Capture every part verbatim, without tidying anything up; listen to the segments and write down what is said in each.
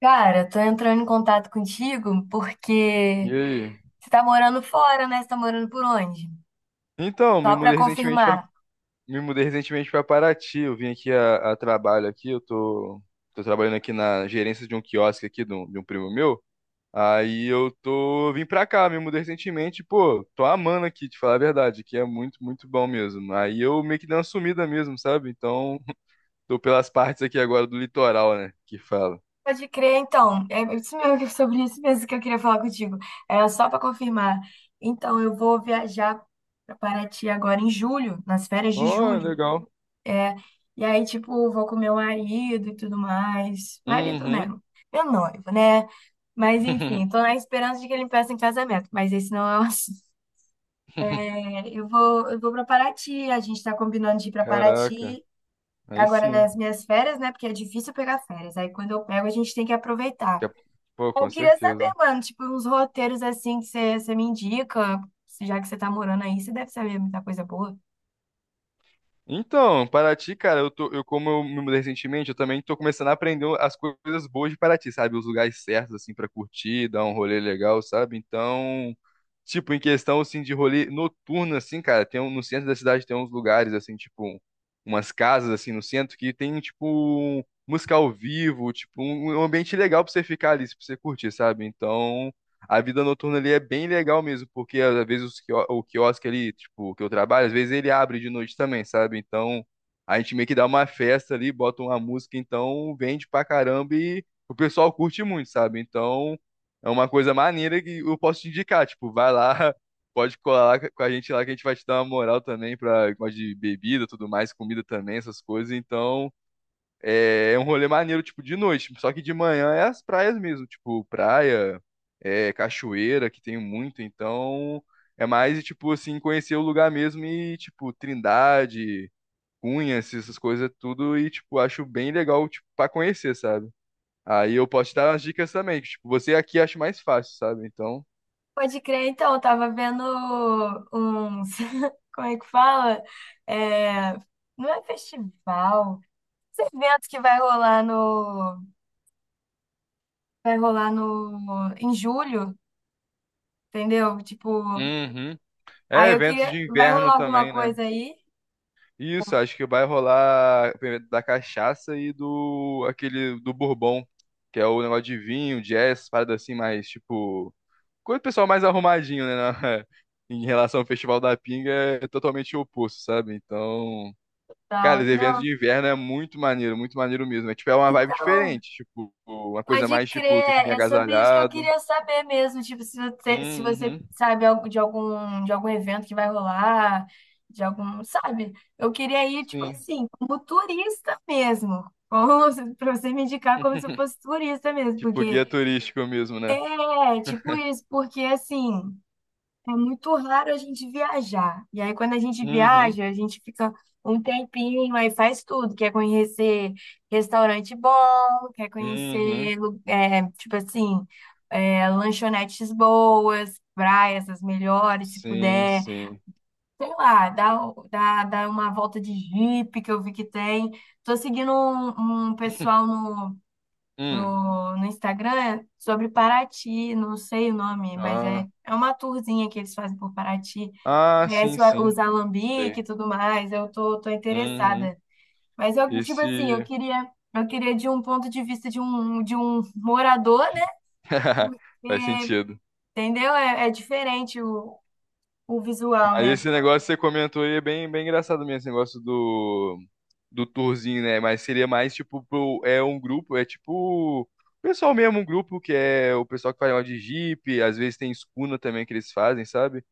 Cara, tô entrando em contato contigo E porque aí? você tá morando fora, né? Você tá morando por onde? Então, me Só pra mudei recentemente pra, confirmar. me mudei recentemente para Paraty. Eu vim aqui a, a trabalho aqui. Eu tô, tô trabalhando aqui na gerência de um quiosque aqui de um, de um primo meu. Aí eu tô vim pra cá, me mudei recentemente. Pô, tô amando aqui, te falar a verdade, que é muito, muito bom mesmo. Aí eu meio que dei uma sumida mesmo, sabe? Então, tô pelas partes aqui agora do litoral, né? Que fala. Pode crer, então. É isso mesmo, que- sobre isso mesmo que eu queria falar contigo. É só pra confirmar. Então, eu vou viajar pra Paraty agora em julho, nas férias de Ó, julho. legal. E aí, tipo, vou com meu marido e tudo mais. Marido, né? Uhum. Meu noivo, né? Mas enfim, tô na esperança de que ele me peça em casamento, mas esse não é o assunto. Eu vou, eu vou para Paraty. A gente está combinando de ir para Caraca, Paraty aí agora sim. nas minhas férias, né? Porque é difícil pegar férias. Aí quando eu pego, a gente tem que aproveitar. Que é- Pô, com Eu queria saber, certeza. mano, tipo, uns roteiros assim que você você me indica. se- Já que você tá morando aí, você deve saber muita coisa boa. Então, Paraty, cara, eu tô, eu como eu me mudei recentemente, eu também tô começando a aprender as coisas boas de Paraty, sabe? Os lugares certos, assim, pra curtir, dar um rolê legal, sabe? Então, tipo, em questão, assim, de rolê noturno, assim, cara, tem um, no centro da cidade tem uns lugares, assim, tipo, umas casas, assim, no centro que tem, tipo, música ao vivo, tipo, um, um ambiente legal pra você ficar ali, pra você curtir, sabe? Então, a vida noturna ali é bem legal mesmo, porque às vezes os quio- o quiosque ali, tipo, que eu trabalho, às vezes ele abre de noite também, sabe? Então a gente meio que dá uma festa ali, bota uma música, então vende pra caramba e o pessoal curte muito, sabe? Então é uma coisa maneira que eu posso te indicar, tipo, vai lá, pode colar lá com a gente lá que a gente vai te dar uma moral também pra gosta de bebida, tudo mais, comida também, essas coisas. Então é, é um rolê maneiro, tipo, de noite. Só que de manhã é as praias mesmo, tipo, praia, é, cachoeira, que tem muito, então é mais, tipo, assim, conhecer o lugar mesmo e, tipo, Trindade, Cunhas, essas coisas é tudo, e, tipo, acho bem legal, tipo, pra conhecer, sabe? Aí eu posso te dar umas dicas também, que, tipo, você aqui acha mais fácil, sabe? Então. Pode crer, então. Eu tava vendo uns. Como é que fala? É, não é festival. Esse evento que vai rolar no. Vai rolar no. Em julho, entendeu? Tipo. Uhum. É, Aí eu eventos de queria. Vai inverno rolar alguma também, né? coisa aí? Isso, acho que vai rolar da cachaça e do aquele do bourbon, que é o negócio de vinho, jazz, parada assim, mais tipo, coisa do pessoal mais arrumadinho, né, na- em relação ao Festival da Pinga, é totalmente oposto, sabe? Então, cara, Então, os eventos não. de inverno é muito maneiro, muito maneiro mesmo. É tipo é uma vibe Então, diferente, tipo, uma coisa pode mais tipo, tem que vir crer. É sobre isso que eu agasalhado. queria saber mesmo. Tipo, se você, se você Uhum. sabe algo de algum, de algum evento que vai rolar, de algum, sabe? Eu queria ir, tipo Sim. assim, como turista mesmo. Como, se- pra você me indicar como se eu fosse turista mesmo. Tipo Porque guia turístico mesmo, né? é tipo isso, porque assim. É muito raro a gente viajar. E aí, quando a gente Uhum. viaja, a gente fica um tempinho, aí faz tudo. Quer conhecer restaurante bom, quer Uhum. conhecer, lu- é, tipo assim, é, lanchonetes boas, praias as melhores, se Sim, puder. sim. Sei lá, dá, dá, dá uma volta de Jeep que eu vi que tem. Tô seguindo um, um pessoal no, Hum. no Instagram é sobre Paraty, não sei o nome, mas Ah. é, é uma tourzinha que eles fazem por Paraty. Ah, sim, Conhece o- sim. os Sei. alambique e tudo mais, eu tô, tô Uhum. interessada. Mas eu, tipo assim, eu Esse. queria, eu queria de um ponto de vista de um, de um morador, né? Faz Porque, sentido. entendeu? É, é diferente o, o visual, Mas né? esse negócio que você comentou aí é bem, bem engraçado mesmo, esse negócio do, do tourzinho, né? Mas seria mais tipo pro, é um grupo, é tipo o pessoal mesmo, um grupo que é o pessoal que faz negócio de Jeep, às vezes tem escuna também que eles fazem, sabe?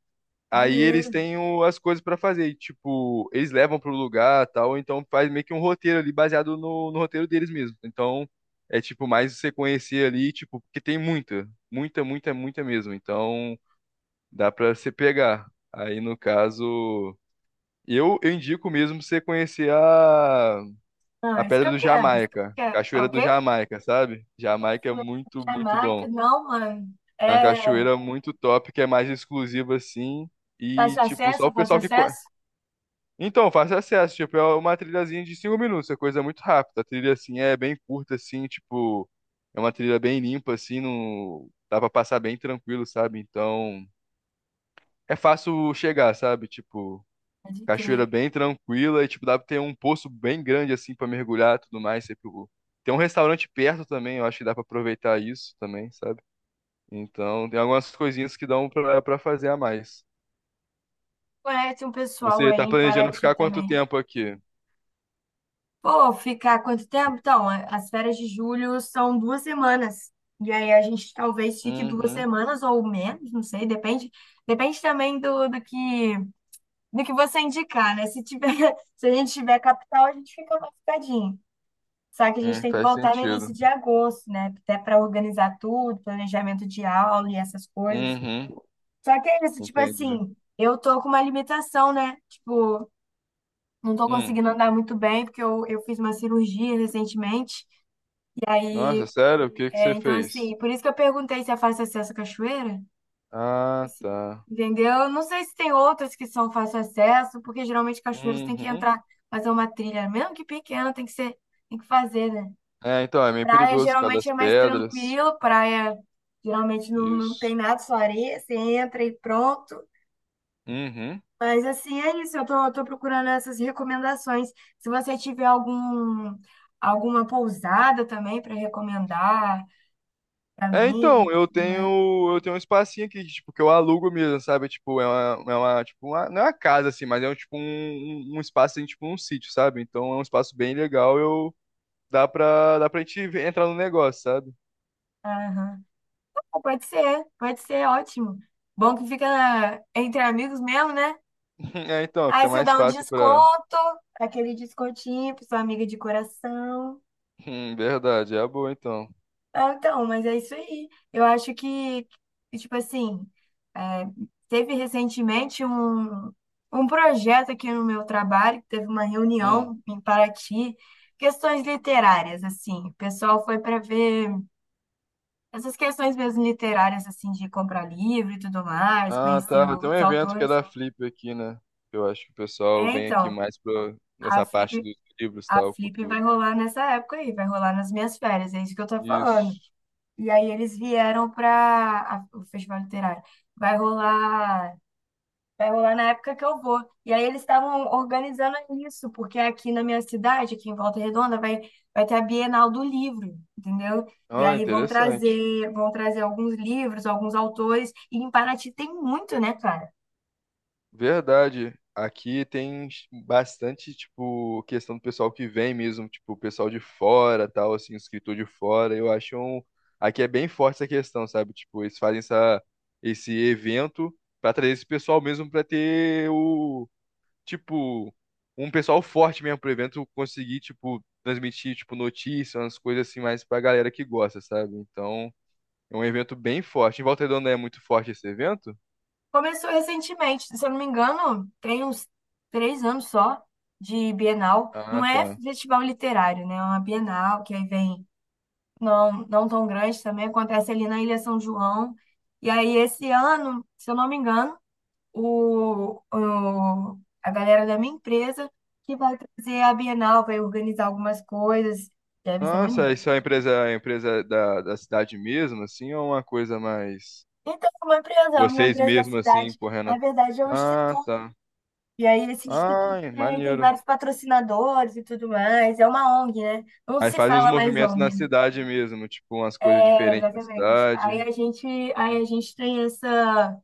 Aí eles Maneiro. têm o- as coisas pra fazer, e, tipo, eles levam pro lugar tal, então faz meio que um roteiro ali baseado no, no roteiro deles mesmo. Então é tipo mais você conhecer ali, tipo, porque tem muita, muita, muita, muita mesmo. Então dá pra você pegar. Aí no caso, eu, eu indico mesmo você conhecer a, a Ah, isso que Pedra eu do quero, isso que eu Jamaica, quero. É Cachoeira o do quê? Jamaica, sabe? Jamaica é muito, muito bom. Jamaica, não, mano. É uma É, cachoeira muito top, que é mais exclusiva assim. E, fácil tipo, só acesso, é o fácil pessoal que. co- acesso? Então, fácil acesso, tipo, é uma trilhazinha de cinco minutos, é coisa muito rápida. A trilha, assim, é bem curta, assim, tipo, é uma trilha bem limpa, assim, não dá pra passar bem tranquilo, sabe? Então, é fácil chegar, sabe? Tipo, Pode cachoeira crer. bem tranquila e, tipo, dá pra ter um poço bem grande, assim, pra mergulhar e tudo mais. Você, tipo, tem um restaurante perto também, eu acho que dá pra aproveitar isso também, sabe? Então, tem algumas coisinhas que dão pra, pra fazer a mais. Conhece um pessoal Você aí tá em planejando Paraty ficar quanto também. tempo aqui? Pô, ficar quanto tempo? Então, a- as férias de julho são duas semanas. E aí a gente talvez fique duas Uhum, semanas ou menos, não sei, depende. Depende também do, do que do que você indicar, né? Se tiver, se a gente tiver capital, a gente fica mais ficadinho. Só que a gente hum, tem que faz voltar no sentido. início de agosto, né? Até para organizar tudo, planejamento de aula e essas coisas. Uhum, Só que é isso, tipo entendi. assim, eu tô com uma limitação, né? Tipo, não tô Hum. conseguindo andar muito bem, porque eu, eu fiz uma cirurgia recentemente. Nossa, sério? O que que É, você então, fez? assim, por isso que eu perguntei se é fácil acesso à cachoeira. Ah, Assim, tá. entendeu? Eu não sei se tem outras que são fácil acesso, porque geralmente cachoeiras tem que Uhum. entrar, fazer uma trilha, mesmo que pequena, tem que ser, tem que fazer, né? É, então, é meio Praia perigoso por causa geralmente das é mais pedras. tranquilo, praia geralmente não, não tem Isso. nada, só areia, você entra e pronto. Uhum. Mas assim, é isso. Eu tô, tô procurando essas recomendações. Se você tiver algum, alguma pousada também para recomendar para É, mim, e então, eu tudo mais. tenho, eu tenho um espacinho aqui, tipo, que eu alugo mesmo, sabe? Tipo, é uma, é uma, tipo, uma- não é uma casa, assim, mas é um, tipo, um, um um espaço, assim, tipo, um sítio, sabe? Então, é um espaço bem legal, eu, dá pra, dá pra gente entrar no negócio, sabe? Aham. Pode ser, pode ser, ótimo. Bom que fica entre amigos mesmo, né? É, então, Aí fica você mais dá um fácil pra... desconto, aquele descontinho para sua amiga de coração. Hum, verdade, é a boa, então. Ah, então, mas é isso aí. Eu acho que, tipo assim, é, teve recentemente um, um projeto aqui no meu trabalho, que teve uma Hum. reunião em Paraty, questões literárias, assim. O pessoal foi para ver essas questões mesmo literárias, assim, de comprar livro e tudo mais, Ah, conhecer tá. Tem um os evento que é autores. da Flip aqui, né? Eu acho que o É, pessoal vem aqui então, mais pra, a nessa parte Flip, dos livros, a tal, Flip vai cultura. rolar nessa época aí, vai rolar nas minhas férias, é isso que eu tô falando. Isso. E aí eles vieram para o Festival Literário. Vai rolar, vai rolar na época que eu vou. E aí eles estavam organizando isso, porque aqui na minha cidade, aqui em Volta Redonda, vai, vai ter a Bienal do Livro, entendeu? E Ah, aí vão interessante. trazer, vão trazer alguns livros, alguns autores, e em Paraty tem muito, né, cara? Verdade. Aqui tem bastante, tipo, questão do pessoal que vem mesmo, tipo, o pessoal de fora, tal, assim, escritor de fora. Eu acho um... Aqui é bem forte essa questão, sabe? Tipo, eles fazem essa... esse evento pra trazer esse pessoal mesmo pra ter o tipo, um pessoal forte mesmo pro evento conseguir, tipo, transmitir, tipo, notícias, umas coisas assim mais pra galera que gosta, sabe? Então, é um evento bem forte. Em Volta Redonda é muito forte esse evento? Começou recentemente, se eu não me engano, tem uns três anos só de Bienal. Ah, Não é tá. festival literário, né? É uma Bienal que aí vem não, não tão grande também, acontece ali na Ilha São João. E aí, esse ano, se eu não me engano, o, o- a galera da minha empresa que vai trazer a Bienal, vai organizar algumas coisas, e aí vai ser Nossa, maneiro. isso é uma empresa, a empresa da, da cidade mesmo, assim, ou é uma coisa mais Então, é uma empresa, é uma vocês empresa da mesmo, assim, cidade, correndo? na verdade é um Ah, instituto. tá. E aí, esse instituto Ai, tem, tem maneiro. vários patrocinadores e tudo mais. É uma O N G, né? Não Aí se faz uns fala mais movimentos na O N G. cidade mesmo, tipo, umas coisas É, diferentes na exatamente. cidade. Aí a gente, aí Hum, a gente tem essa.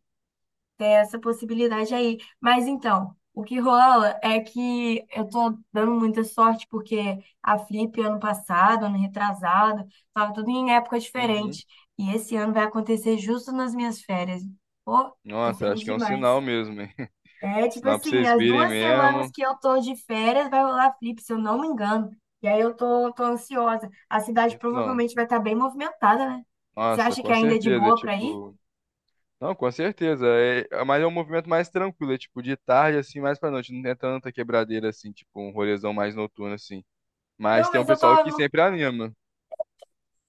Tem essa possibilidade aí. Mas então, o que rola é que eu tô dando muita sorte, porque a Flip ano passado, ano retrasado, tava tudo em época Uhum. diferente. E esse ano vai acontecer justo nas minhas férias. Pô, tô Nossa, feliz acho que é um sinal demais. mesmo, hein? É tipo Sinal pra assim, vocês as virem duas semanas mesmo. que eu tô de férias vai rolar Flip, se eu não me engano. E aí eu tô, tô ansiosa. A cidade Então, provavelmente vai estar bem movimentada, né? Você nossa, acha que com ainda é de certeza, é boa pra ir? tipo. Não, com certeza. É, é- mas é um movimento mais tranquilo, é tipo de tarde, assim, mais pra noite. Não tem tanta quebradeira assim, tipo, um rolezão mais noturno, assim. Mas Não, tem um mas eu tô, pessoal que não sempre anima.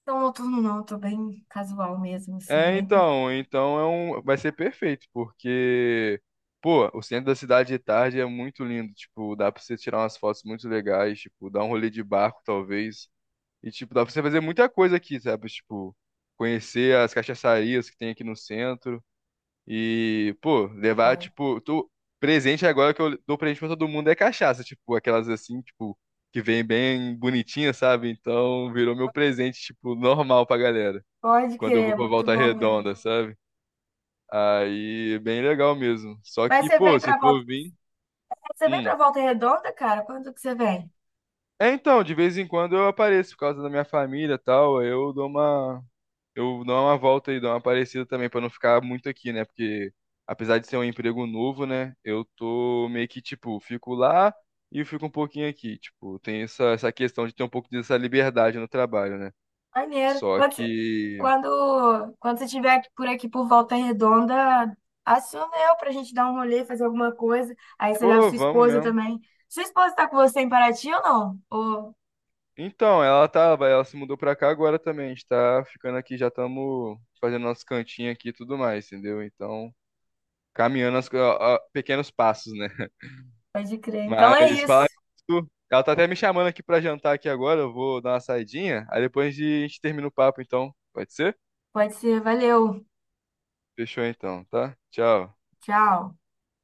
Não, noturno não, eu tô bem casual mesmo, assim, É, bem tranquilo. então, então é um, vai ser perfeito, porque, pô, o centro da cidade de tarde é muito lindo, tipo, dá pra você tirar umas fotos muito legais, tipo, dar um rolê de barco, talvez, e, tipo, dá pra você fazer muita coisa aqui, sabe? Tipo, conhecer as cachaçarias que tem aqui no centro. E, pô, levar, tipo, tu, presente agora que eu dou presente pra todo mundo é cachaça. Tipo, aquelas assim, tipo, que vem bem bonitinha, sabe? Então, virou meu presente, tipo, normal pra galera. Pode Quando eu crer, vou é pra muito Volta bom mesmo. Redonda, sabe? Aí, bem legal mesmo. Só Mas que, você vem pô, se pra volta, for vir. você vem Hum. pra Volta Redonda, cara? Quando que você vem? É, então, de vez em quando eu apareço por causa da minha família e tal. Aí Eu dou uma, eu dou uma volta e dou uma parecida também pra não ficar muito aqui, né? Porque apesar de ser um emprego novo, né, eu tô meio que tipo, fico lá e fico um pouquinho aqui, tipo, tem essa essa questão de ter um pouco dessa liberdade no trabalho, né? Maneiro. Só Quando, você- que, quando, quando você estiver aqui- por aqui por Volta Redonda, aciona eu pra gente dar um rolê, fazer alguma coisa. Aí você leva pô, sua vamos esposa mesmo. também. Sua esposa tá com você em Paraty ou não? Ô, Então, ela tava, ela se mudou pra cá agora também. A gente tá ficando aqui, já estamos fazendo nosso cantinho aqui e tudo mais, entendeu? Então, caminhando as, co- a- a- pequenos passos, né? pode crer. Então é Mas falar isso. isso, ela tá até me chamando aqui pra jantar aqui agora, eu vou dar uma saidinha, aí depois a gente termina o papo então, pode ser? Pode ser, valeu. Fechou então, tá? Tchau. Tchau.